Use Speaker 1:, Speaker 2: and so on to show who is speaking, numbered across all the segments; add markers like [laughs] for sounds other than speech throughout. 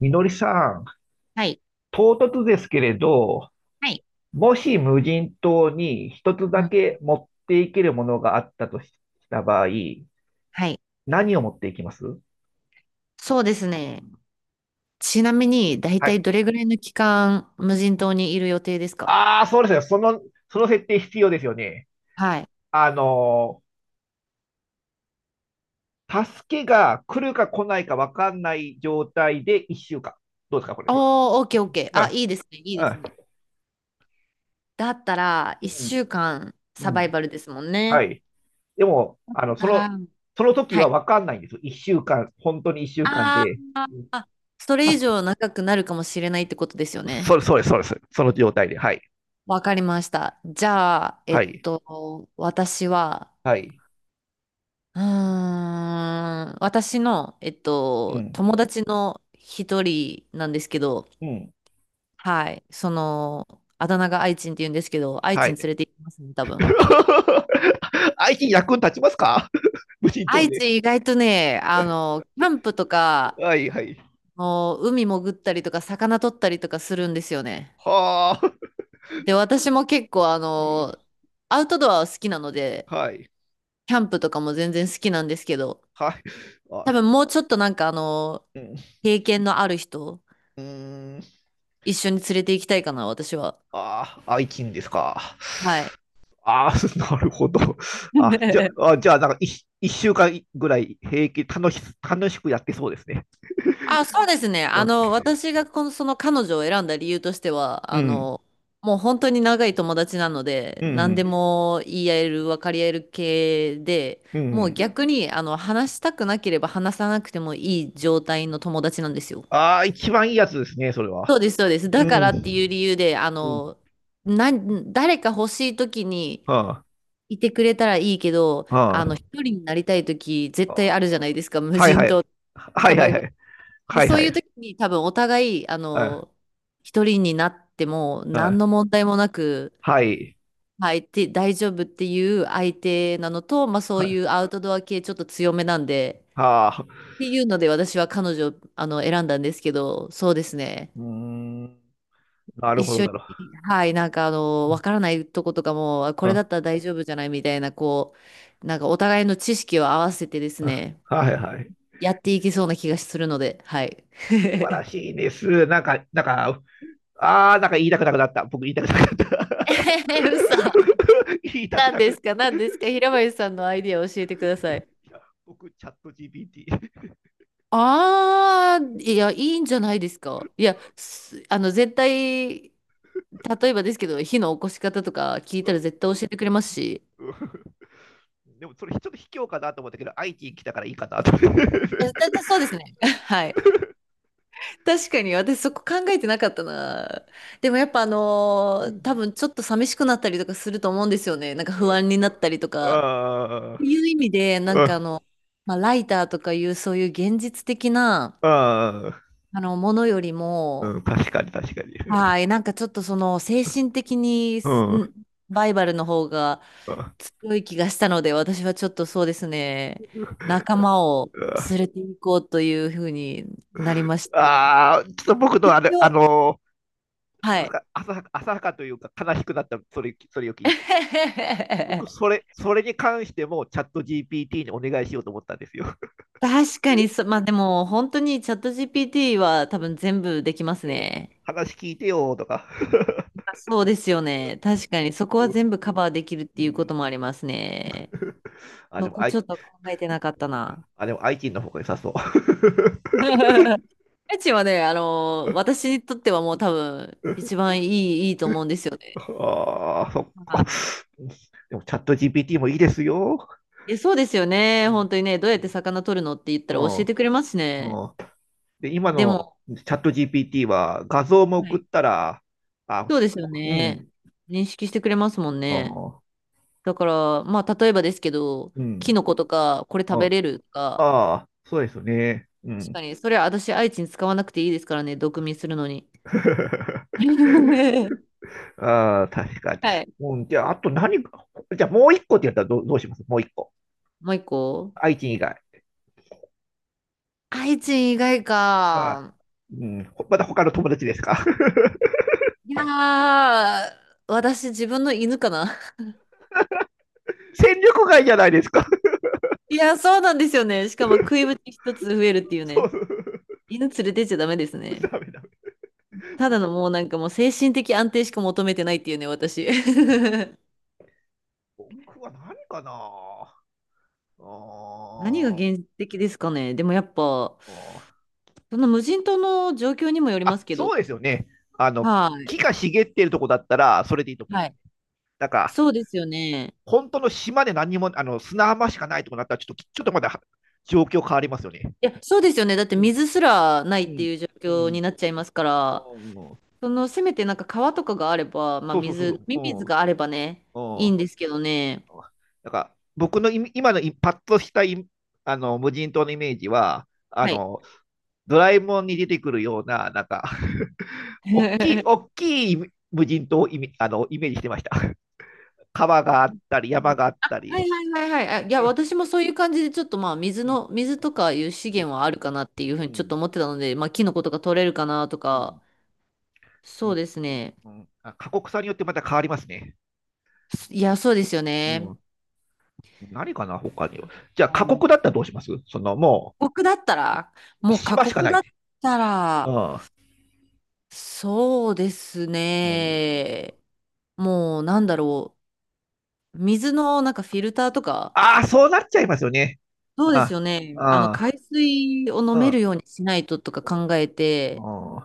Speaker 1: みのりさん、
Speaker 2: はい。
Speaker 1: 唐突ですけれど、
Speaker 2: はい。
Speaker 1: もし無人島に一つだ
Speaker 2: うん、
Speaker 1: け持っていけるものがあったとした場合、
Speaker 2: はい。
Speaker 1: 何を持っていきます？
Speaker 2: そうですね。ちなみに、だい
Speaker 1: は
Speaker 2: たい
Speaker 1: い。
Speaker 2: どれぐらいの期間、無人島にいる予定ですか？
Speaker 1: ああ、そうですよ。その設定必要ですよね。
Speaker 2: はい。
Speaker 1: あの助けが来るか来ないか分かんない状態で1週間。どうですか、これね。
Speaker 2: おー、オッケーオッケー。
Speaker 1: うん。
Speaker 2: あ、いいですね、いい
Speaker 1: う
Speaker 2: です
Speaker 1: ん。
Speaker 2: ね。だったら、
Speaker 1: うん。
Speaker 2: 1週間サ
Speaker 1: う
Speaker 2: バイ
Speaker 1: ん。
Speaker 2: バルですもん
Speaker 1: は
Speaker 2: ね。
Speaker 1: い。でも、そ
Speaker 2: なら、
Speaker 1: の、その時
Speaker 2: は
Speaker 1: は
Speaker 2: い。
Speaker 1: 分かんないんですよ。1週間、本当に1週間
Speaker 2: あ
Speaker 1: で、
Speaker 2: ー、あ、それ以
Speaker 1: 助
Speaker 2: 上長くなるかもしれないってことですよね。
Speaker 1: そうです、そうです。その状態で。はい。
Speaker 2: わかりました。じゃあ、
Speaker 1: はい。
Speaker 2: 私は
Speaker 1: はい。
Speaker 2: 私の、
Speaker 1: うん。
Speaker 2: 友達の一人なんですけど、
Speaker 1: うん。
Speaker 2: はい、あだ名が愛知って言うんですけど、愛
Speaker 1: は
Speaker 2: 知に
Speaker 1: い。
Speaker 2: 連れて行きますね、多分。
Speaker 1: [laughs] IT に役に立ちますか？ [laughs] 無人島
Speaker 2: 愛知
Speaker 1: で。
Speaker 2: 意外とね、キャンプとか、
Speaker 1: はい、はい。
Speaker 2: もう海潜ったりとか、魚取ったりとかするんですよね。
Speaker 1: はあ。
Speaker 2: で、私も結構、
Speaker 1: うん。
Speaker 2: アウトドアは好きなので、
Speaker 1: はい。
Speaker 2: キャンプとかも全然好きなんですけど、
Speaker 1: はい。あ
Speaker 2: 多分もうちょっと
Speaker 1: うん。
Speaker 2: 経験のある人、
Speaker 1: うーん。
Speaker 2: 一緒に連れて行きたいかな、私は。
Speaker 1: ああ、愛人ですか？
Speaker 2: はい。
Speaker 1: ああ、[laughs] なるほど。あ、じゃ
Speaker 2: [laughs]
Speaker 1: あ、あじゃあ、なんか一週間ぐらい平気、楽しくやってそうですね。
Speaker 2: あ、そうですね。
Speaker 1: うん。
Speaker 2: 私がこの、その彼女を選んだ理由としては、
Speaker 1: うん。
Speaker 2: もう本当に長い友達なので、
Speaker 1: う
Speaker 2: 何で
Speaker 1: ん。
Speaker 2: も言い合える、分かり合える系で、
Speaker 1: う
Speaker 2: もう
Speaker 1: ん。
Speaker 2: 逆に、話したくなければ話さなくてもいい状態の友達なんですよ。
Speaker 1: ああ、一番いいやつですね、それは。
Speaker 2: そうです、そうです。
Speaker 1: う
Speaker 2: だか
Speaker 1: ん。
Speaker 2: らっていう理由で、
Speaker 1: うん。
Speaker 2: な、誰か欲しい時に
Speaker 1: は
Speaker 2: いてくれたらいいけど、
Speaker 1: あ、は
Speaker 2: 一人になりたい時
Speaker 1: あ、
Speaker 2: 絶対
Speaker 1: は
Speaker 2: あるじゃないですか、無
Speaker 1: あ、はい、
Speaker 2: 人
Speaker 1: はい。
Speaker 2: 島
Speaker 1: は
Speaker 2: サ
Speaker 1: い、は
Speaker 2: バ
Speaker 1: い、
Speaker 2: イ
Speaker 1: は
Speaker 2: バル。
Speaker 1: い。
Speaker 2: で、
Speaker 1: はい、
Speaker 2: そう
Speaker 1: は
Speaker 2: いう
Speaker 1: い。
Speaker 2: 時に多分お互い、
Speaker 1: はい。
Speaker 2: 一人になっても
Speaker 1: は
Speaker 2: 何
Speaker 1: い。
Speaker 2: の問題もなく、
Speaker 1: はい。
Speaker 2: はい、て大丈夫っていう相手なのと、まあそ
Speaker 1: は
Speaker 2: うい
Speaker 1: い、
Speaker 2: うアウトドア系ちょっと強めなんで、
Speaker 1: はあ。
Speaker 2: っていうので私は彼女を選んだんですけど、そうですね。
Speaker 1: うーん。なる
Speaker 2: 一
Speaker 1: ほど
Speaker 2: 緒
Speaker 1: だろ
Speaker 2: に、はい、わからないとことかも、あこ
Speaker 1: う。う
Speaker 2: れだ
Speaker 1: ん。
Speaker 2: ったら大丈夫じゃないみたいな、お互いの知識を合わせてです
Speaker 1: あ
Speaker 2: ね、
Speaker 1: はいはい。
Speaker 2: やっていけそうな気がするので、はい。
Speaker 1: 素晴ら
Speaker 2: [laughs]
Speaker 1: しいです。なんか、ああ、なんか言いたくなくなった。僕言いたくなくなった。
Speaker 2: 嘘。
Speaker 1: [laughs] 言いたく
Speaker 2: 何
Speaker 1: なく
Speaker 2: で
Speaker 1: なっ
Speaker 2: すか何ですか、平林さんのアイディアを教えてください。
Speaker 1: た。僕、チャット GPT。
Speaker 2: ああ、いや、いいんじゃないですか。いや、すあの、絶対、例えばですけど、火の起こし方とか聞い
Speaker 1: う
Speaker 2: たら
Speaker 1: ん。
Speaker 2: 絶対教えてくれますし。
Speaker 1: うん。でも、それちょっと卑怯かなと思ったけど、IT 来たからいいかなと。[laughs]
Speaker 2: えだだそうですね。[laughs] はい。確かに、私そこ考えてなかったな。でもやっぱ
Speaker 1: うん。
Speaker 2: 多分ちょっと寂しくなったりとかすると思うんですよね。なんか不安になったりとか。っ
Speaker 1: ああ、
Speaker 2: ていう意味で、
Speaker 1: うん。
Speaker 2: まあ、ライターとかいうそういう現実的な、
Speaker 1: ああ、
Speaker 2: ものより
Speaker 1: う
Speaker 2: も、
Speaker 1: ん、確かに確かに。
Speaker 2: はい。なんかちょっとその精神的に
Speaker 1: うん。
Speaker 2: バイバルの方が強い気がしたので、私はちょっとそうですね、仲間を連れて行こうというふうになりまして。
Speaker 1: ああー、ちょっと僕の
Speaker 2: 一
Speaker 1: あれ、
Speaker 2: 応、は
Speaker 1: なん
Speaker 2: い。
Speaker 1: か浅はかというか悲しくなった、それを聞いて。僕、
Speaker 2: [laughs]
Speaker 1: それに関してもチャット GPT にお願いしようと思ったんですよ。
Speaker 2: 確かにそ、まあでも本当にチャット GPT は多分全部できますね。
Speaker 1: 話聞いてよーとか。
Speaker 2: あ、そうですよね。確かにそこは全部カバーできるっ
Speaker 1: う
Speaker 2: ていうこ
Speaker 1: ん。
Speaker 2: ともありますね。
Speaker 1: あ、で
Speaker 2: そ
Speaker 1: も、
Speaker 2: こ
Speaker 1: あ
Speaker 2: ち
Speaker 1: い、
Speaker 2: ょっと考えてなかったな。
Speaker 1: あ、でもアイティ t の方が良さそう。[laughs]
Speaker 2: [laughs] ライチはね、私にとってはもう多分、一番いい、いいと思うんですよね。
Speaker 1: ああ、そっか。
Speaker 2: は
Speaker 1: でも、チャット GPT もいいですよ。
Speaker 2: い。え、そうですよ
Speaker 1: う
Speaker 2: ね。
Speaker 1: ん。
Speaker 2: 本当にね、どうやって魚取るのって言った
Speaker 1: う
Speaker 2: ら教
Speaker 1: ん。
Speaker 2: えてくれますしね。
Speaker 1: うん。で、今
Speaker 2: で
Speaker 1: の
Speaker 2: も、
Speaker 1: チャット GPT は画像も
Speaker 2: は
Speaker 1: 送っ
Speaker 2: い、
Speaker 1: たら、あ、
Speaker 2: そうですよ
Speaker 1: う
Speaker 2: ね。
Speaker 1: ん、
Speaker 2: 認識してくれますもん
Speaker 1: あ
Speaker 2: ね。
Speaker 1: ー、
Speaker 2: だから、まあ、例えばですけど、
Speaker 1: う
Speaker 2: キ
Speaker 1: ん、
Speaker 2: ノコとか、これ食べ
Speaker 1: あ、
Speaker 2: れるとか、
Speaker 1: あー、そうですね。う
Speaker 2: 確か
Speaker 1: ん。
Speaker 2: に、それは私、愛知に使わなくていいですからね、毒味するのに。
Speaker 1: [laughs]
Speaker 2: [laughs]
Speaker 1: ああ、確かに。
Speaker 2: はい。
Speaker 1: うん、じゃあ、あと何か、じゃあもう一個って言ったらどうします？もう一個。
Speaker 2: もう一個、
Speaker 1: 愛知以外。
Speaker 2: 愛知以外
Speaker 1: あー、
Speaker 2: か。
Speaker 1: うん、まだ他の友達ですか？ [laughs]
Speaker 2: いやー、私自分の犬かな。[laughs]
Speaker 1: 戦力外じゃないですか？
Speaker 2: いやー、そうなんですよね。しかも食いぶち一つ増えるっていう
Speaker 1: [laughs] そ
Speaker 2: ね。
Speaker 1: う。
Speaker 2: 犬連れてっちゃダメです
Speaker 1: [laughs]
Speaker 2: ね。
Speaker 1: ダメダメ。
Speaker 2: ただのもうなんかもう精神的安定しか求めてないっていうね、私。[laughs]
Speaker 1: 僕は何かなあ
Speaker 2: 何が
Speaker 1: ー、
Speaker 2: 現実的ですかね。でもやっぱ、
Speaker 1: あー、
Speaker 2: その無人島の状況にもよります
Speaker 1: あ、
Speaker 2: けど。
Speaker 1: そうですよね。あの、
Speaker 2: は
Speaker 1: 木が茂っているとこだったら、それでいいと思
Speaker 2: い。
Speaker 1: うんです
Speaker 2: は
Speaker 1: よ
Speaker 2: い。
Speaker 1: ね。だから、
Speaker 2: そうですよね。
Speaker 1: 本当の島で何にも、砂浜しかないとこだったら、ちょっとまだ状況変わりますよね。
Speaker 2: いや、そうですよね。だって
Speaker 1: うん、
Speaker 2: 水すらない
Speaker 1: う
Speaker 2: って
Speaker 1: ん、
Speaker 2: いう状
Speaker 1: う
Speaker 2: 況に
Speaker 1: ん、
Speaker 2: なっちゃいますか
Speaker 1: う
Speaker 2: ら。
Speaker 1: ん。うん。
Speaker 2: その、せめてなんか川とかがあれば、まあ
Speaker 1: そうそうそ
Speaker 2: 水、
Speaker 1: う
Speaker 2: 飲み水
Speaker 1: そ
Speaker 2: があればね、
Speaker 1: う、うん、
Speaker 2: い
Speaker 1: う
Speaker 2: いん
Speaker 1: ん。
Speaker 2: ですけどね。
Speaker 1: なんか僕の今のパッとしたあの無人島のイメージは、
Speaker 2: はい。
Speaker 1: ドラえもんに出てくるような、なんか、大きい、
Speaker 2: [laughs]
Speaker 1: 大きい無人島をイメージしてました。川があったり、山があった
Speaker 2: は
Speaker 1: り。
Speaker 2: いはいはいはい。あ、いや、私もそういう感じで、ちょっとまあ、水
Speaker 1: うん、
Speaker 2: の、水とかいう資
Speaker 1: うん、
Speaker 2: 源はあるかなっていうふ
Speaker 1: う
Speaker 2: うにちょっ
Speaker 1: ん、
Speaker 2: と思ってたので、まあ、キノコとか取れるかなと
Speaker 1: う
Speaker 2: か、
Speaker 1: ん、う
Speaker 2: そう
Speaker 1: ん、
Speaker 2: ですね。
Speaker 1: うんあ、過酷さによってまた変わりますね。
Speaker 2: いや、そうですよ
Speaker 1: う
Speaker 2: ね。
Speaker 1: ん。何かな、他には。じゃあ、
Speaker 2: う
Speaker 1: 過
Speaker 2: ん、
Speaker 1: 酷だったらどうします？その、も
Speaker 2: 過酷だったら、
Speaker 1: う、
Speaker 2: もう過
Speaker 1: 島しか
Speaker 2: 酷
Speaker 1: な
Speaker 2: だ
Speaker 1: い。
Speaker 2: った
Speaker 1: う
Speaker 2: ら、
Speaker 1: ん。
Speaker 2: そうです
Speaker 1: うん。
Speaker 2: ね。なんだろう。水のなんかフィルターとか、
Speaker 1: ああ、そうなっちゃいますよね。
Speaker 2: そうです
Speaker 1: あ、
Speaker 2: よね。あの、
Speaker 1: あ、
Speaker 2: 海水を飲め
Speaker 1: あ、
Speaker 2: るようにしないととか考え
Speaker 1: う
Speaker 2: て、
Speaker 1: ん、うん、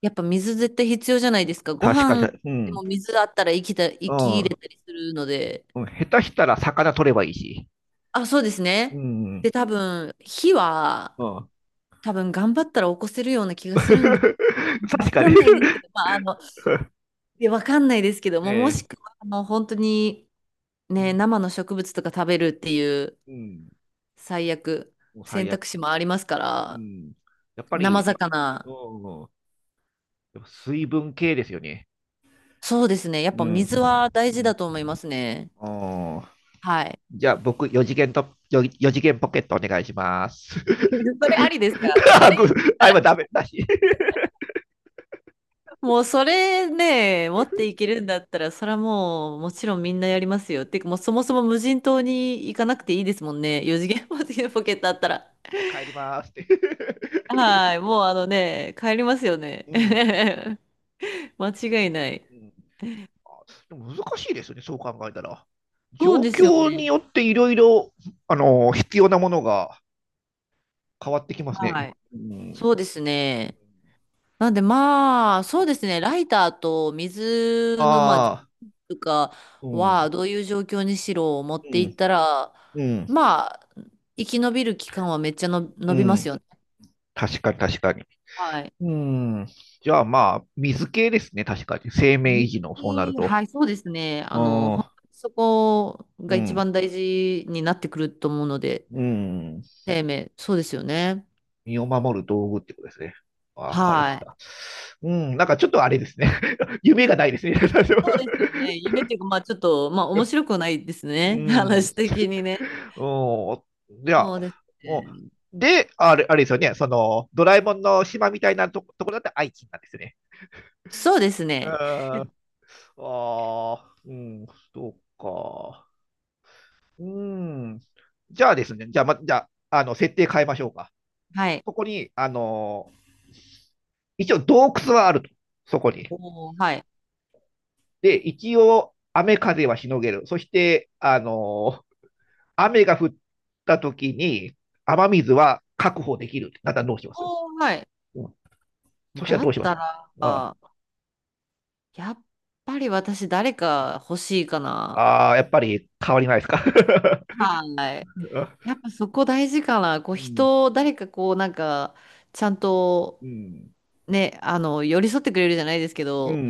Speaker 2: やっぱ水絶対必要じゃないですか。ご
Speaker 1: 確かに、
Speaker 2: 飯
Speaker 1: う
Speaker 2: で
Speaker 1: ん、
Speaker 2: も水あったら
Speaker 1: う
Speaker 2: 生き
Speaker 1: ん、
Speaker 2: 入
Speaker 1: う
Speaker 2: れたりするので。
Speaker 1: ん、下手したら魚取ればいいし。
Speaker 2: あ、そうです
Speaker 1: う
Speaker 2: ね。
Speaker 1: ん、う
Speaker 2: で、
Speaker 1: ん。
Speaker 2: 多分、火は、多分頑張ったら起こせるような気
Speaker 1: [laughs]
Speaker 2: がするんで、[laughs] わ
Speaker 1: 確か
Speaker 2: か
Speaker 1: にね。
Speaker 2: んないですけど、いやわかんないですけども、も
Speaker 1: [laughs] え、
Speaker 2: しくは、本当に、
Speaker 1: う
Speaker 2: ね、
Speaker 1: ん、
Speaker 2: 生の植物とか食べるっていう、
Speaker 1: うん。
Speaker 2: 最悪、
Speaker 1: もう
Speaker 2: 選
Speaker 1: 最悪。
Speaker 2: 択肢もありますか
Speaker 1: う
Speaker 2: ら、
Speaker 1: ん。やっぱ
Speaker 2: 生
Speaker 1: りね、う
Speaker 2: 魚。
Speaker 1: ん、やっぱ水分系ですよね。
Speaker 2: そうですね。やっ
Speaker 1: う
Speaker 2: ぱ
Speaker 1: ん。う
Speaker 2: 水は大事
Speaker 1: ん。
Speaker 2: だと思いますね。
Speaker 1: お
Speaker 2: はい。
Speaker 1: じゃあ、僕、4次元と、よ四次元ポケットお願いします。
Speaker 2: [laughs] それありですか？
Speaker 1: [laughs]
Speaker 2: そ
Speaker 1: あ、
Speaker 2: れ
Speaker 1: ぐ
Speaker 2: だった
Speaker 1: 今
Speaker 2: ら
Speaker 1: ダメだし。
Speaker 2: [laughs] もうそれね、持っていけるんだったら、それはもうもちろんみんなやりますよ。ってかもうそもそも無人島に行かなくていいですもんね。四次元ポケ [laughs] ットあったら。
Speaker 1: じゃあ、帰りますって。
Speaker 2: はい。
Speaker 1: [laughs]
Speaker 2: もうあのね、帰りますよね。
Speaker 1: うん。
Speaker 2: [laughs] 間
Speaker 1: ですで
Speaker 2: 違い
Speaker 1: す
Speaker 2: ない。
Speaker 1: うん、あでも難しいですね、そう考えたら。
Speaker 2: そう
Speaker 1: 状
Speaker 2: ですよ
Speaker 1: 況に
Speaker 2: ね。
Speaker 1: よっていろいろ、必要なものが変わってきます
Speaker 2: は
Speaker 1: ね。
Speaker 2: い。
Speaker 1: うん。
Speaker 2: そうですね。なんでまあ、そうですね、ライターと水の、まあ、と
Speaker 1: ああ、
Speaker 2: か
Speaker 1: う
Speaker 2: は、
Speaker 1: ん。
Speaker 2: どういう状況にしろ持っ
Speaker 1: う
Speaker 2: ていっ
Speaker 1: ん。
Speaker 2: たら、
Speaker 1: うん、
Speaker 2: まあ、生き延びる期間はめっちゃの伸
Speaker 1: う
Speaker 2: びます
Speaker 1: ん。
Speaker 2: よね。
Speaker 1: 確かに確かに。
Speaker 2: はい。
Speaker 1: うん。じゃあまあ、水系ですね、確かに。生命維持の、そうなる
Speaker 2: 水
Speaker 1: と。
Speaker 2: はい、そうですね。
Speaker 1: うん、う
Speaker 2: そこが
Speaker 1: ん、
Speaker 2: 一番大事になってくると思うので、
Speaker 1: うん。
Speaker 2: 生命、そうですよね。
Speaker 1: 身を守る道具ってことですね。わかりまし
Speaker 2: は
Speaker 1: た。
Speaker 2: い。
Speaker 1: うん、なんかちょっとあれですね。[laughs] 夢がないですね。
Speaker 2: そうですよね。夢っていうか、まあちょっと、まあ面白くないです
Speaker 1: [laughs] う
Speaker 2: ね。[laughs]
Speaker 1: ん。
Speaker 2: 話的にね。
Speaker 1: うん。じゃあ、
Speaker 2: そうです
Speaker 1: うん
Speaker 2: ね。
Speaker 1: で、あれですよね。その、ドラえもんの島みたいなところだって愛知なんですね。
Speaker 2: そうです
Speaker 1: うん。
Speaker 2: ね。
Speaker 1: ああ、うん、そうか。うーん。じゃあですね、じゃあ、ま、じゃあ、設定変えましょうか。
Speaker 2: はい。
Speaker 1: ここに、一応洞窟はあると。そこに。
Speaker 2: おー、はい。
Speaker 1: で、一応、雨風はしのげる。そして、雨が降った時に、雨水は確保できる。だったらどうします？
Speaker 2: おー、はい。
Speaker 1: うん。そしたら
Speaker 2: だ
Speaker 1: どう
Speaker 2: っ
Speaker 1: します？
Speaker 2: たら、
Speaker 1: あ
Speaker 2: やっぱり私誰か欲しいかな。
Speaker 1: あー、やっぱり変わりないですか？ [laughs]
Speaker 2: はい。やっぱそこ大事かな。こ
Speaker 1: う
Speaker 2: う
Speaker 1: ん、
Speaker 2: 人、誰かこうなんか、ちゃんと
Speaker 1: うん、
Speaker 2: ね、寄り添ってくれるじゃないですけ
Speaker 1: うん、う
Speaker 2: ど、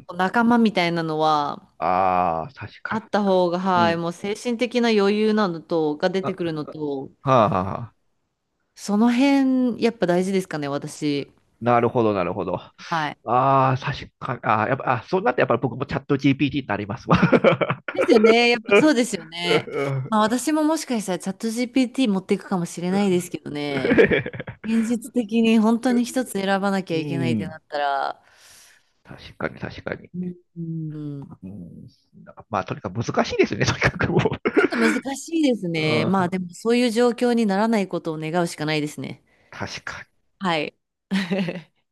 Speaker 1: ん。
Speaker 2: 仲間みたいなのは
Speaker 1: ああ、確
Speaker 2: あ
Speaker 1: か
Speaker 2: った方が、
Speaker 1: に。
Speaker 2: は
Speaker 1: う
Speaker 2: い、
Speaker 1: ん。
Speaker 2: もう精神的な余裕なのと、が出
Speaker 1: あ、
Speaker 2: て
Speaker 1: は
Speaker 2: くるのと、
Speaker 1: あ、はあはあ。
Speaker 2: その辺、やっぱ大事ですかね、私。
Speaker 1: なるほど、なるほど。あ
Speaker 2: はい、
Speaker 1: あ、確かに。ああ、やっぱ、そうなってやっぱり僕もチャット GPT になりますわ。
Speaker 2: で
Speaker 1: [laughs]
Speaker 2: すよね。やっぱそうですよね。まあ私ももしかしたらチャット GPT 持っていくかもしれないですけどね。現実的に本当に一つ選ばなき
Speaker 1: う
Speaker 2: ゃいけないってな
Speaker 1: ん。
Speaker 2: ったら、
Speaker 1: 確かに、確かに。
Speaker 2: うん、ちょ
Speaker 1: うん。まあ、とにかく難しいですね、とにかくも
Speaker 2: っと難しいです
Speaker 1: う。う
Speaker 2: ね。まあ
Speaker 1: ん。
Speaker 2: でもそういう状況にならないことを願うしかないですね。
Speaker 1: 確かに。
Speaker 2: はい。[laughs]